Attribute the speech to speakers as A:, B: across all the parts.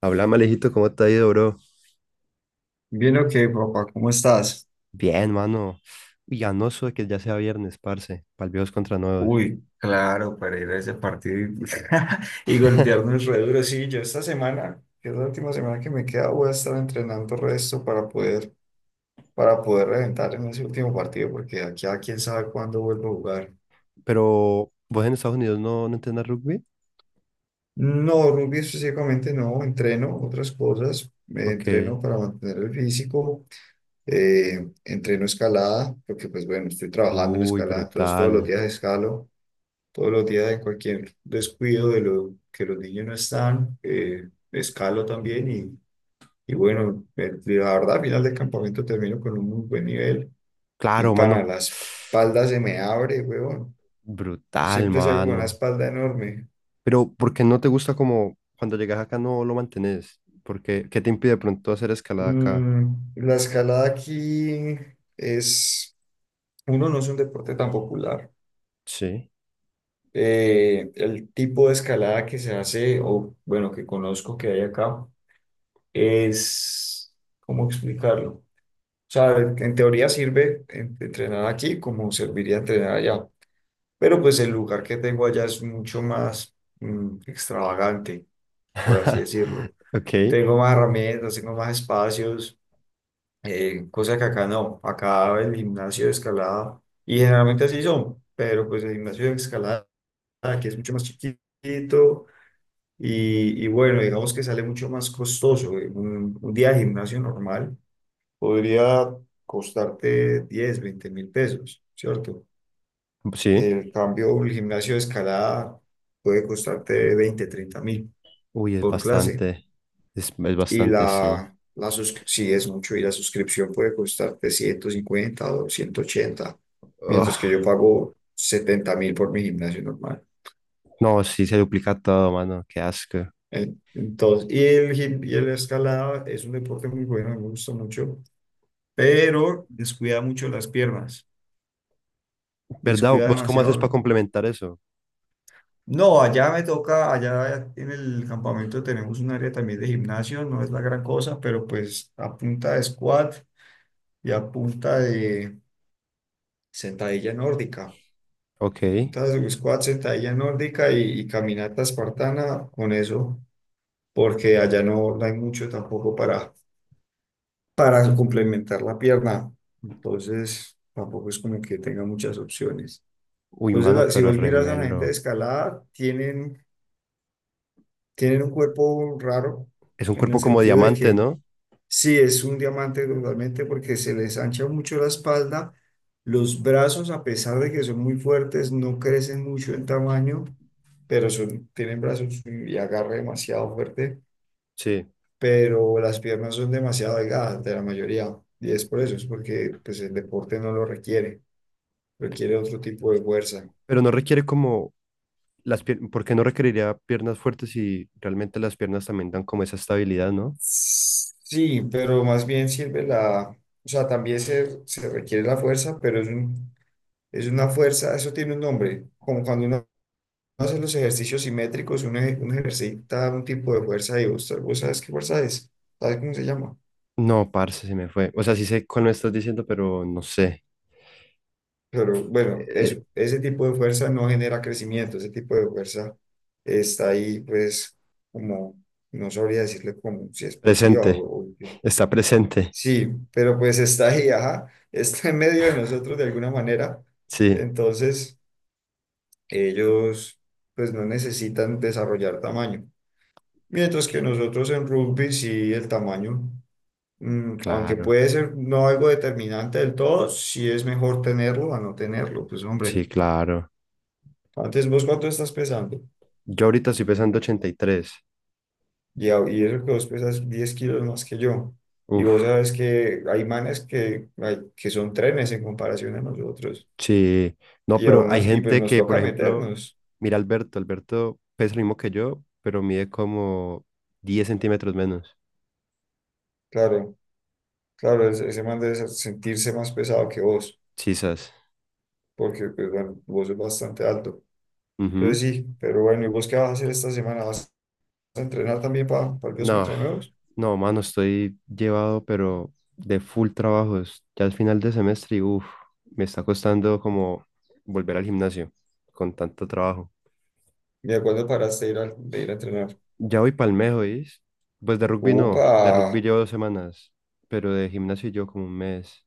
A: Habla, Malejito, ¿cómo te ha ido, bro?
B: Bien, ok, papá, ¿cómo estás?
A: Bien, mano. Uy, anoso de que ya sea viernes, parce. Pa'l viejos contra nuevos.
B: Uy, claro, para ir a ese partido y, y golpearnos re duro. Sí, yo esta semana, que es la última semana que me queda, voy a estar entrenando resto para poder reventar en ese último partido, porque aquí a quién sabe cuándo vuelvo a jugar.
A: Pero, ¿vos en Estados Unidos no entendés rugby?
B: No, rugby específicamente no, entreno otras cosas, me
A: Ok.
B: entreno para mantener el físico, entreno escalada, porque pues bueno, estoy trabajando en
A: Uy,
B: escalada, entonces todos los
A: brutal.
B: días escalo. Todos los días en cualquier descuido de lo que los niños no están, escalo también y bueno, la verdad al final del campamento termino con un muy buen nivel y
A: Claro,
B: para
A: mano.
B: la espalda se me abre, huevón.
A: Brutal,
B: Siempre salgo con una
A: mano.
B: espalda enorme.
A: Pero, ¿por qué no te gusta como cuando llegas acá no lo mantenés? ¿Por qué? ¿Qué te impide de pronto hacer escalada acá?
B: La escalada aquí es, uno, no es un deporte tan popular.
A: Sí.
B: El tipo de escalada que se hace, o bueno, que conozco que hay acá, es, ¿cómo explicarlo? O sea, en teoría sirve entrenar aquí como serviría entrenar allá. Pero pues el lugar que tengo allá es mucho más extravagante, por así decirlo.
A: Ok.
B: Tengo más herramientas, tengo más espacios, cosa que acá no. Acá el gimnasio de escalada, y generalmente así son, pero pues el gimnasio de escalada aquí es mucho más chiquito y bueno, digamos que sale mucho más costoso. Un día de gimnasio normal podría costarte 10 20 mil pesos, ¿cierto?
A: Sí.
B: El cambio, un gimnasio de escalada puede costarte 20 30 mil
A: Uy, es
B: por clase.
A: bastante. Es
B: Y
A: bastante, sí.
B: sí es mucho, y la suscripción puede costarte 150 o 180 mientras que yo pago 70.000 por mi gimnasio normal.
A: No, sí, se duplica todo, mano. Qué asco.
B: Entonces, y el escalada es un deporte muy bueno, me gusta mucho, pero descuida mucho las piernas,
A: ¿Verdad?
B: descuida
A: ¿Vos cómo haces para
B: demasiado.
A: complementar eso?
B: No, allá me toca, allá en el campamento tenemos un área también de gimnasio, no es la gran cosa, pero pues a punta de squat y a punta de sentadilla nórdica, a
A: Ok.
B: punta de squat, sentadilla nórdica y caminata espartana con eso, porque allá no hay mucho tampoco para complementar la pierna, entonces tampoco es como que tenga muchas opciones.
A: Uy,
B: Entonces,
A: mano,
B: si
A: pero
B: vos miras a la
A: remelo.
B: gente de escalada, tienen un cuerpo raro
A: Es un
B: en el
A: cuerpo como
B: sentido de
A: diamante,
B: que
A: ¿no?
B: sí es un diamante totalmente porque se les ancha mucho la espalda, los brazos a pesar de que son muy fuertes no crecen mucho en tamaño, pero son, tienen brazos y agarre demasiado fuerte,
A: Sí.
B: pero las piernas son demasiado delgadas de la mayoría y es por eso, es porque pues el deporte no lo requiere, requiere otro tipo de fuerza.
A: Pero no requiere como las piernas, porque no requeriría piernas fuertes si realmente las piernas también dan como esa estabilidad, ¿no?
B: Sí, pero más bien sirve la, o sea, también se requiere la fuerza, pero es una fuerza, eso tiene un nombre, como cuando uno hace los ejercicios simétricos, uno ejercita un tipo de fuerza y vos sabes qué fuerza es, sabes cómo se llama,
A: No, parce, se me fue. O sea, sí sé cuál me estás diciendo, pero no sé.
B: pero bueno, eso,
A: Eh,
B: ese tipo de fuerza no genera crecimiento, ese tipo de fuerza está ahí, pues, como, no sabría decirle como si explosiva
A: presente.
B: o.
A: Está presente.
B: Sí, pero pues está ahí, ajá, está en medio de nosotros de alguna manera.
A: Sí.
B: Entonces, ellos pues no necesitan desarrollar tamaño. Mientras que nosotros en rugby sí el tamaño, aunque
A: Claro.
B: puede ser no algo determinante del todo, sí es mejor tenerlo a no tenerlo. Pues hombre,
A: Sí, claro.
B: ¿antes vos cuánto estás pesando?
A: Yo ahorita estoy pesando 83.
B: Y eso que vos pesas 10 kilos más que yo. Y vos
A: Uf.
B: sabes que hay manes que, que son trenes en comparación a nosotros.
A: Sí, no,
B: Y
A: pero
B: aún
A: hay
B: así, y pues
A: gente
B: nos
A: que, por
B: toca
A: ejemplo,
B: meternos.
A: mira Alberto, Alberto pesa lo mismo que yo, pero mide como 10 centímetros menos.
B: Claro, claro, ese man debe sentirse más pesado que vos,
A: Chisas.
B: porque pues bueno, vos es bastante alto. Entonces
A: Ujú.
B: sí, pero bueno, ¿y vos qué vas a hacer esta semana? ¿Vas a entrenar también para partidos
A: No,
B: contra nuevos?
A: no, mano, estoy llevado, pero de full trabajos. Ya al final de semestre, y uff, me está costando como volver al gimnasio con tanto trabajo.
B: ¿Y de cuándo paraste de ir, de ir a entrenar?
A: Ya voy palmejo, ¿oís? Pues de rugby no,
B: Upa,
A: de rugby llevo 2 semanas, pero de gimnasio yo como un mes.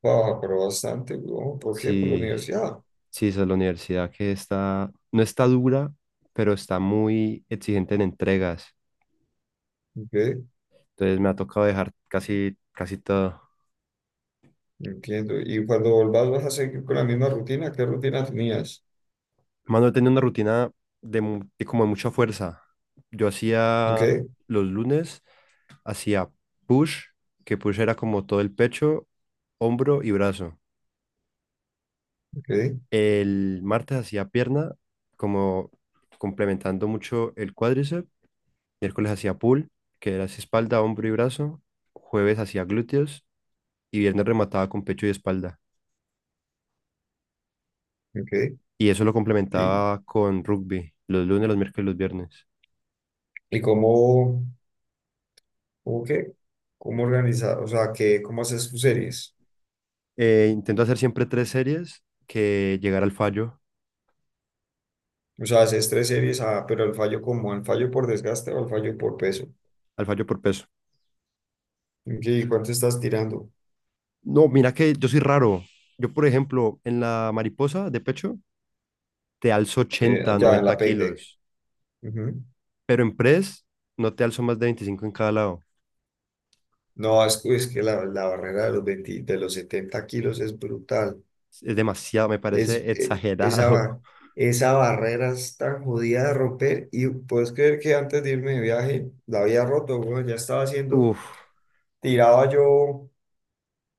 B: pa, pero bastante, weón. ¿Por qué? Por la
A: Sí.
B: universidad.
A: Sí, esa es la universidad que está, no está dura, pero está muy exigente en entregas.
B: Ok,
A: Entonces me ha tocado dejar casi, casi todo.
B: entiendo. ¿Y cuando volvás vas a seguir con la misma rutina? ¿Qué rutina tenías?
A: Mano, he tenido una rutina de, de como de mucha fuerza. Yo
B: Ok,
A: hacía los lunes, hacía push, que push era como todo el pecho, hombro y brazo.
B: ok,
A: El martes hacía pierna, como complementando mucho el cuádriceps. Miércoles hacía pull, que era así espalda, hombro y brazo. Jueves hacía glúteos y viernes remataba con pecho y espalda.
B: ok.
A: Y eso lo
B: ¿Y,
A: complementaba con rugby, los lunes, los miércoles y los viernes.
B: y cómo? ¿Cómo que? ¿Cómo organizar? O sea, que ¿cómo haces tus series?
A: Intento hacer siempre tres series que llegar
B: O sea, haces tres series, pero el fallo como, el fallo por desgaste o el fallo por peso.
A: al fallo por peso.
B: Ok. ¿Y cuánto estás tirando?
A: No, mira que yo soy raro. Yo, por ejemplo, en la mariposa de pecho, te alzo 80,
B: Ya en
A: 90
B: la peg deck.
A: kilos,
B: Ujú.
A: pero en press no te alzo más de 25 en cada lado.
B: No, es que la barrera de los 20 de los 70 kilos es brutal.
A: Es demasiado, me
B: Es,
A: parece
B: eh, esa,
A: exagerado.
B: ba- esa barrera es tan jodida de romper. Y puedes creer que antes de irme de viaje la había roto, weón, ya estaba haciendo,
A: Uf,
B: tiraba yo.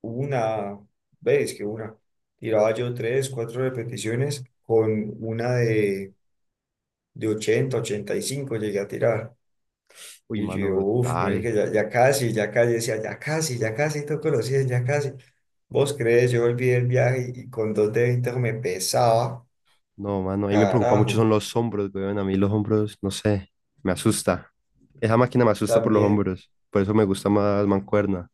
B: Una vez que una, tiraba yo tres, cuatro repeticiones con una de ochenta ochenta y cinco llegué a tirar.
A: uy,
B: Y
A: mano,
B: yo, uff,
A: brutal.
B: ya, ya casi, decía, ya casi toco los 100, ya casi. Vos crees, yo olvidé el viaje y con dos de 20 me pesaba,
A: No, mano, a mí me preocupa mucho son
B: carajo,
A: los hombros, weón. A mí los hombros, no sé, me asusta. Esa máquina me asusta por los
B: también.
A: hombros. Por eso me gusta más mancuerna.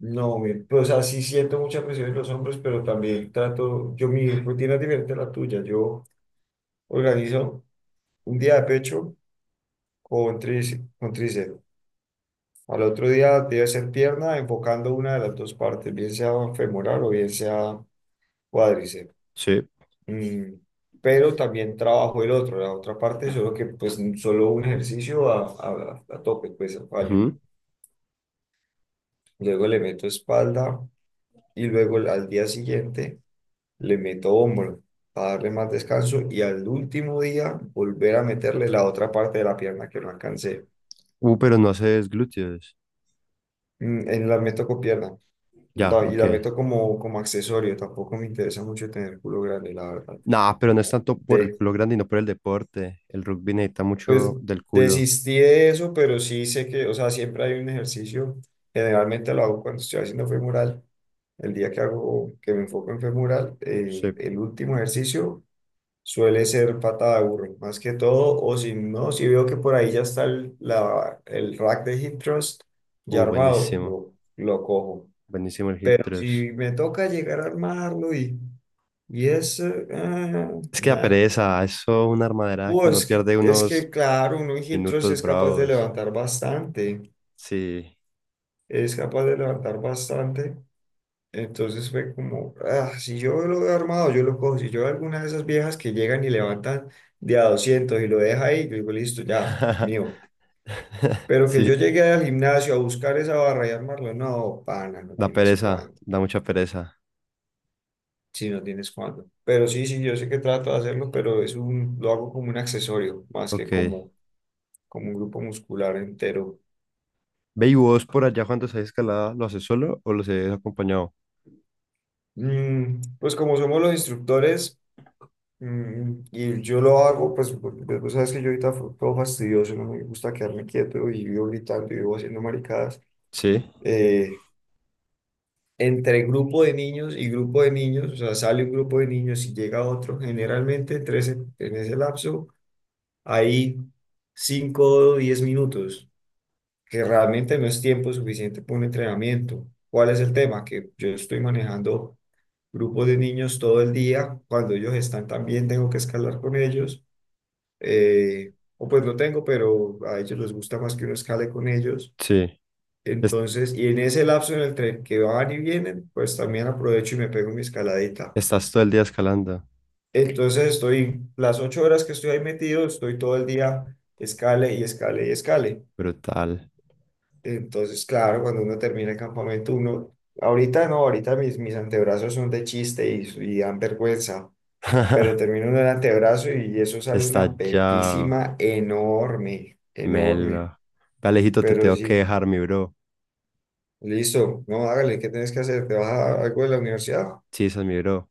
B: No, pues así siento mucha presión en los hombros, pero también trato, yo mi rutina es diferente a la tuya, yo organizo un día de pecho con tríceps. Al otro día debe ser pierna, enfocando una de las dos partes, bien sea femoral o bien sea cuádriceps.
A: Sí.
B: Mm, pero también trabajo la otra parte, solo que pues solo un ejercicio a tope, pues a fallo.
A: Ujú.
B: Luego le meto espalda y luego al día siguiente le meto hombro para darle más descanso y al último día volver a meterle la otra parte de la pierna que no alcancé.
A: Pero no haces glúteos.
B: En la meto con pierna.
A: Ya,
B: Y
A: ok.
B: la meto como accesorio, tampoco me interesa mucho tener culo grande, la verdad.
A: Nah, pero no es tanto por el
B: De,
A: culo grande, no por el deporte. El rugby necesita
B: pues
A: mucho del culo.
B: desistí de eso, pero sí sé que, o sea, siempre hay un ejercicio, generalmente lo hago cuando estoy haciendo femoral, el día que hago, que me enfoco en femoral,
A: Sí.
B: el último ejercicio suele ser patada de burro, más que todo, o si no, si veo que por ahí ya está el rack de hip thrust ya armado,
A: Buenísimo.
B: lo cojo.
A: Buenísimo el hip
B: Pero
A: thrust.
B: si me toca llegar a armarlo y ah,
A: Es que la
B: nah.
A: pereza, eso es una armadera que
B: Uh,
A: uno
B: es que,
A: pierde
B: es que,
A: unos
B: claro, uno en hip thrust
A: minutos
B: es capaz de
A: bravos.
B: levantar bastante,
A: Sí.
B: es capaz de levantar bastante. Entonces fue como, si yo lo veo armado, yo lo cojo. Si yo veo alguna de esas viejas que llegan y levantan de a 200 y lo deja ahí, yo digo, listo, ya, mío. Pero que yo
A: Sí.
B: llegué al gimnasio a buscar esa barra y armarlo, no, pana, no
A: Da
B: tienes
A: pereza,
B: cuándo.
A: da mucha pereza.
B: Sí, no tienes cuándo. Pero sí, sí, yo sé que trato de hacerlo, pero lo hago como un accesorio, más que
A: Ok.
B: como un grupo muscular entero.
A: Ve y vos por allá cuando haces escalada, ¿lo haces solo o lo haces acompañado?
B: Pues como somos los instructores, y yo lo hago, pues porque pues, vos sabes que yo ahorita fue todo fastidioso, no me gusta quedarme quieto y vivo gritando y vivo haciendo maricadas.
A: Sí,
B: Eh, Entre grupo de niños y grupo de niños, o sea, sale un grupo de niños y llega otro, generalmente entre en ese lapso hay 5 o 10 minutos, que realmente no es tiempo suficiente para un entrenamiento. ¿Cuál es el tema? Que yo estoy manejando grupo de niños todo el día. Cuando ellos están también tengo que escalar con ellos. O pues no tengo, pero a ellos les gusta más que uno escale con ellos.
A: sí. Es-
B: Entonces, y en ese lapso en el tren que van y vienen, pues también aprovecho y me pego mi escaladita.
A: estás todo el día escalando.
B: Entonces estoy, las 8 horas que estoy ahí metido, estoy todo el día escale y escale y escale.
A: Brutal.
B: Entonces, claro, cuando uno termina el campamento, uno, ahorita no, ahorita mis antebrazos son de chiste y dan vergüenza pero termino en el antebrazo y eso sale
A: Está
B: una
A: ya.
B: pepísima enorme, enorme.
A: Melo. Alejito, te
B: Pero
A: tengo que
B: sí,
A: dejar, mi bro.
B: listo, no, hágale, ¿qué tienes que hacer? ¿Te vas a algo de la universidad?
A: Sí, esa es mi bro.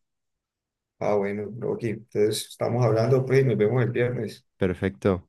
B: Ah, bueno, bro, aquí. Entonces, estamos hablando, pues, y nos vemos el viernes.
A: Perfecto.